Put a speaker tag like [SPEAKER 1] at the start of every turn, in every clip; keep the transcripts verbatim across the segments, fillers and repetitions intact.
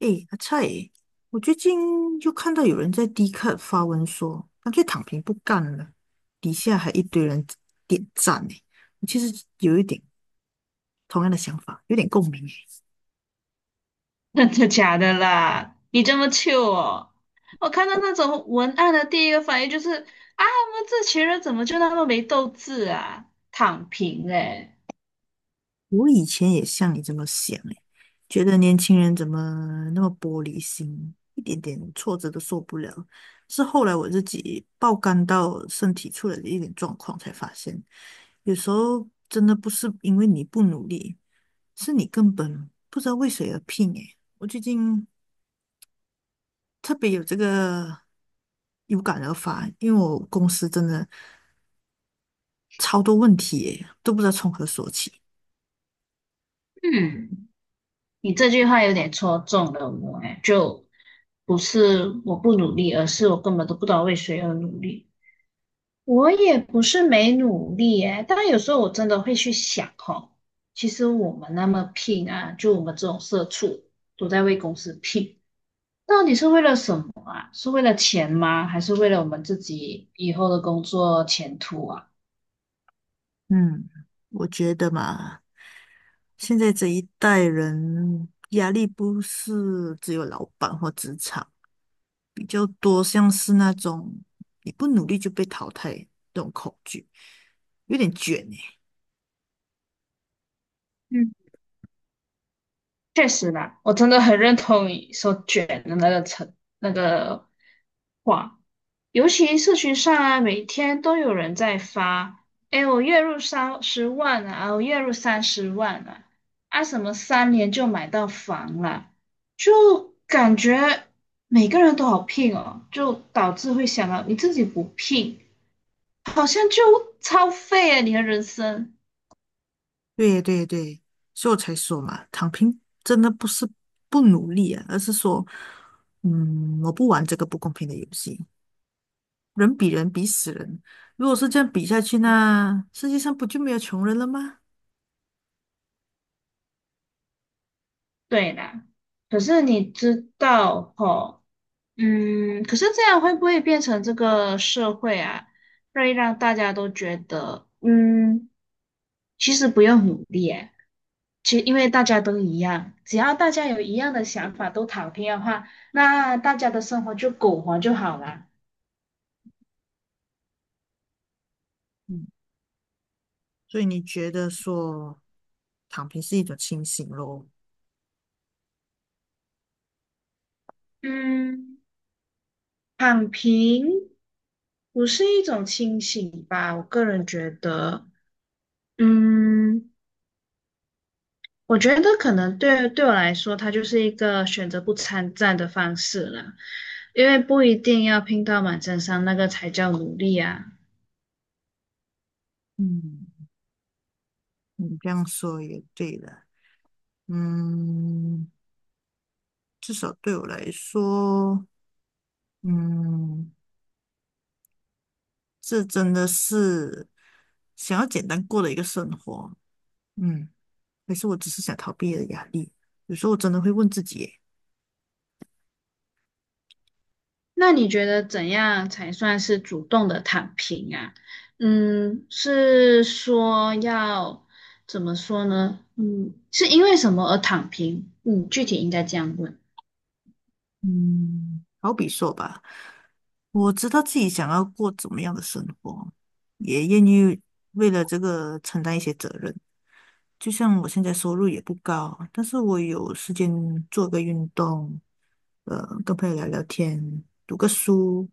[SPEAKER 1] 诶，阿菜欸，我最近就看到有人在 d 卡发文说，干脆躺平不干了，底下还一堆人点赞诶。我其实有一点同样的想法，有点共鸣诶。
[SPEAKER 2] 真的假的啦？你这么 c 哦？我看到那种文案的第一个反应就是啊，我们这群人怎么就那么没斗志啊？躺平嘞！
[SPEAKER 1] 我以前也像你这么想诶，觉得年轻人怎么那么玻璃心，一点点挫折都受不了。是后来我自己爆肝到身体出了一点状况，才发现有时候真的不是因为你不努力，是你根本不知道为谁而拼诶。我最近特别有这个有感而发，因为我公司真的超多问题耶，都不知道从何说起。
[SPEAKER 2] 嗯，你这句话有点戳中了我哎，就不是我不努力，而是我根本都不知道为谁而努力。我也不是没努力哎，但有时候我真的会去想哦，其实我们那么拼啊，就我们这种社畜都在为公司拼。到底是为了什么啊？是为了钱吗？还是为了我们自己以后的工作前途啊？
[SPEAKER 1] 嗯，我觉得嘛，现在这一代人压力不是只有老板或职场，比较多像是那种你不努力就被淘汰这种恐惧，有点卷诶。
[SPEAKER 2] 嗯，确实啦，我真的很认同你说卷的那个成那个话，尤其社群上啊，每天都有人在发，哎，我月入三十万啊，我月入三十万啊，啊什么三年就买到房了，就感觉每个人都好拼哦，就导致会想到你自己不拼。好像就超废了你的人生。
[SPEAKER 1] 对对对，所以我才说嘛，躺平真的不是不努力啊，而是说，嗯，我不玩这个不公平的游戏。人比人比死人，如果是这样比下去，呢，世界上不就没有穷人了吗？
[SPEAKER 2] 对啦，可是你知道吼，嗯，可是这样会不会变成这个社会啊，会让大家都觉得，嗯，其实不用努力诶，其实因为大家都一样，只要大家有一样的想法，都躺平的话，那大家的生活就苟活就好啦。
[SPEAKER 1] 嗯，所以你觉得说躺平是一种清醒咯？
[SPEAKER 2] 嗯，躺平不是一种清醒吧？我个人觉得，嗯。我觉得可能对对我来说，它就是一个选择不参战的方式了，因为不一定要拼到满身伤，那个才叫努力啊。
[SPEAKER 1] 嗯，你这样说也对了。嗯，至少对我来说，嗯，这真的是想要简单过的一个生活。嗯，还是我只是想逃避的压力。有时候我真的会问自己耶。
[SPEAKER 2] 那你觉得怎样才算是主动的躺平啊？嗯，是说要怎么说呢？嗯，是因为什么而躺平？嗯，具体应该这样问。
[SPEAKER 1] 嗯，好比说吧，我知道自己想要过怎么样的生活，也愿意为了这个承担一些责任，就像我现在收入也不高，但是我有时间做个运动，呃，跟朋友聊聊天，读个书，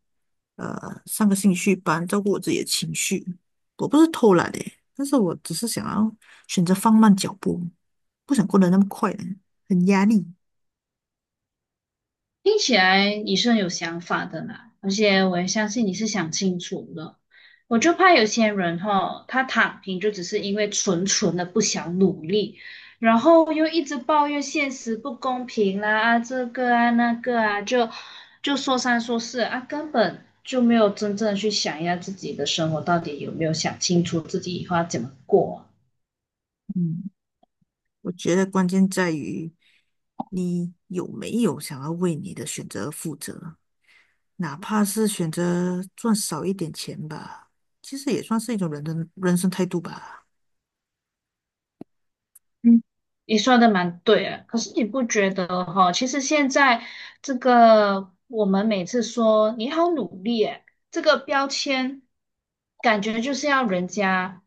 [SPEAKER 1] 呃，上个兴趣班，照顾我自己的情绪。我不是偷懒的，但是我只是想要选择放慢脚步，不想过得那么快了，很压力。
[SPEAKER 2] 听起来你是很有想法的啦，而且我也相信你是想清楚了。我就怕有些人哈，他躺平就只是因为纯纯的不想努力，然后又一直抱怨现实不公平啦，啊这个啊那个啊，就就说三说四啊，根本就没有真正地去想一下自己的生活到底有没有想清楚自己以后要怎么过啊。
[SPEAKER 1] 嗯，我觉得关键在于你有没有想要为你的选择负责。哪怕是选择赚少一点钱吧，其实也算是一种人的人生态度吧。
[SPEAKER 2] 嗯，你说的蛮对啊，可是你不觉得哈？其实现在这个我们每次说你好努力诶，这个标签感觉就是要人家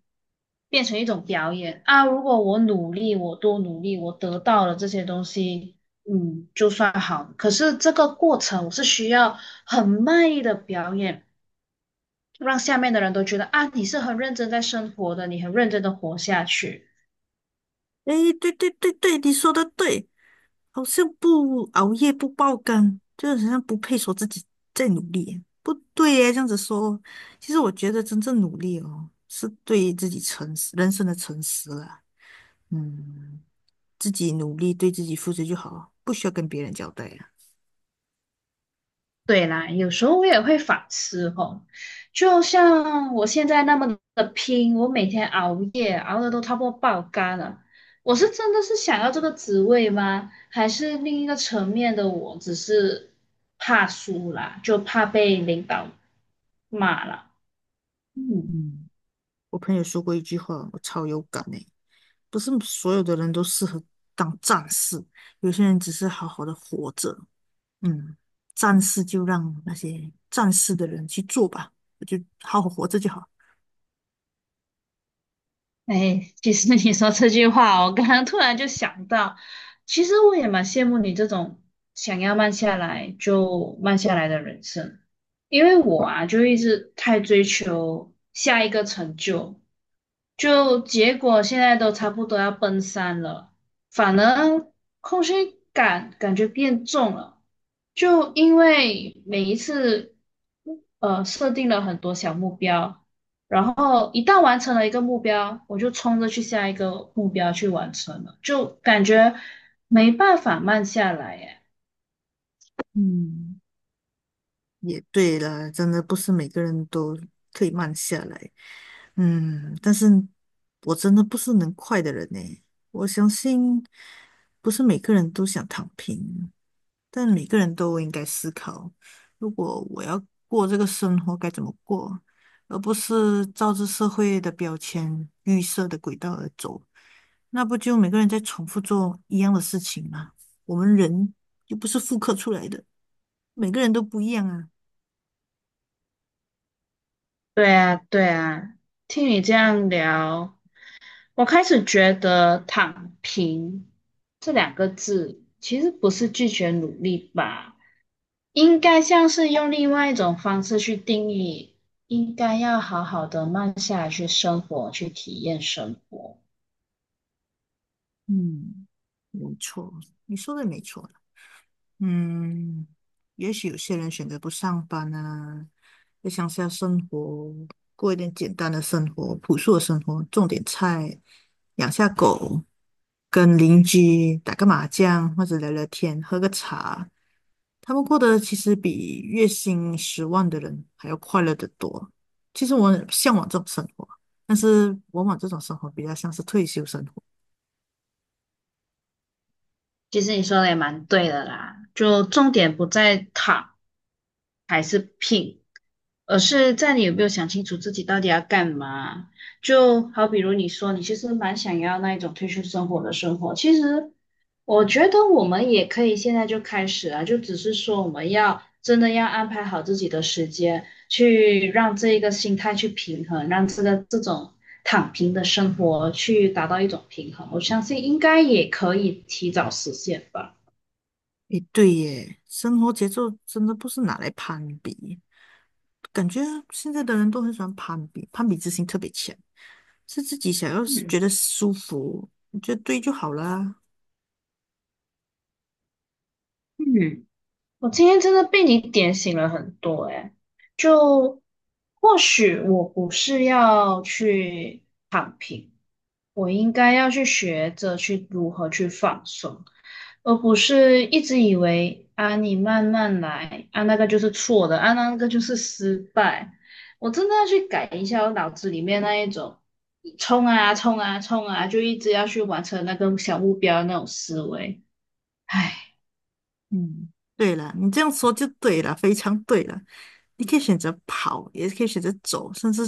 [SPEAKER 2] 变成一种表演啊。如果我努力，我多努力，我得到了这些东西，嗯，就算好。可是这个过程我是需要很卖力的表演，让下面的人都觉得啊，你是很认真在生活的，你很认真的活下去。
[SPEAKER 1] 诶，对对对对，你说的对，好像不熬夜不爆肝，就是好像不配说自己在努力。不对耶，这样子说，其实我觉得真正努力哦，是对自己诚实，人生的诚实啦。嗯，自己努力，对自己负责就好，不需要跟别人交代啊。
[SPEAKER 2] 对啦，有时候我也会反思哦，就像我现在那么的拼，我每天熬夜，熬的都差不多爆肝了。我是真的是想要这个职位吗？还是另一个层面的我只是怕输啦，就怕被领导骂了。嗯。
[SPEAKER 1] 嗯。我朋友说过一句话，我超有感诶，不是所有的人都适合当战士，有些人只是好好的活着。嗯，战士就让那些战士的人去做吧，我就好好活着就好。
[SPEAKER 2] 哎，其实你说这句话哦，我刚刚突然就想到，其实我也蛮羡慕你这种想要慢下来就慢下来的人生，因为我啊，就一直太追求下一个成就，就结果现在都差不多要奔三了，反而空虚感感觉变重了，就因为每一次呃设定了很多小目标。然后一旦完成了一个目标，我就冲着去下一个目标去完成了，就感觉没办法慢下来耶。
[SPEAKER 1] 嗯，也对了，真的不是每个人都可以慢下来。嗯，但是我真的不是能快的人呢，我相信不是每个人都想躺平，但每个人都应该思考，如果我要过这个生活该怎么过，而不是照着社会的标签、预设的轨道而走，那不就每个人在重复做一样的事情吗？我们人又不是复刻出来的，每个人都不一样啊。
[SPEAKER 2] 对啊，对啊，听你这样聊，我开始觉得"躺平"这两个字其实不是拒绝努力吧，应该像是用另外一种方式去定义，应该要好好的慢下来去生活，去体验生活。
[SPEAKER 1] 嗯，没错，你说的没错。嗯，也许有些人选择不上班啊，在乡下生活，过一点简单的生活，朴素的生活，种点菜，养下狗，跟邻居打个麻将，或者聊聊天，喝个茶。他们过得其实比月薪十万的人还要快乐得多。其实我很向往这种生活，但是往往这种生活比较像是退休生活。
[SPEAKER 2] 其实你说的也蛮对的啦，就重点不在躺还是拼，而是在你有没有想清楚自己到底要干嘛？就好比如你说你其实蛮想要那一种退休生活的生活，其实我觉得我们也可以现在就开始啊，就只是说我们要真的要安排好自己的时间，去让这一个心态去平衡，让这个这种躺平的生活去达到一种平衡，我相信应该也可以提早实现吧。
[SPEAKER 1] 诶，对耶，生活节奏真的不是拿来攀比，感觉现在的人都很喜欢攀比，攀比之心特别强，是自己想要觉
[SPEAKER 2] 嗯
[SPEAKER 1] 得舒服，你觉得对就好啦。
[SPEAKER 2] 嗯。我今天真的被你点醒了很多诶，就或许我不是要去躺平，我应该要去学着去如何去放松，而不是一直以为啊你慢慢来啊那个就是错的啊那个就是失败，我真的要去改一下我脑子里面那一种冲啊冲啊冲啊，就一直要去完成那个小目标的那种思维，唉。
[SPEAKER 1] 嗯，对了，你这样说就对了，非常对了。你可以选择跑，也可以选择走，甚至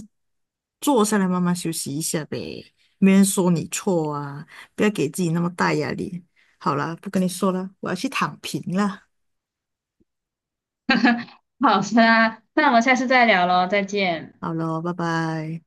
[SPEAKER 1] 坐下来慢慢休息一下呗。没人说你错啊，不要给自己那么大压力。好啦，不跟你说了，我要去躺平了。
[SPEAKER 2] 好的啊，那我们下次再聊喽，再见。
[SPEAKER 1] 好了，拜拜。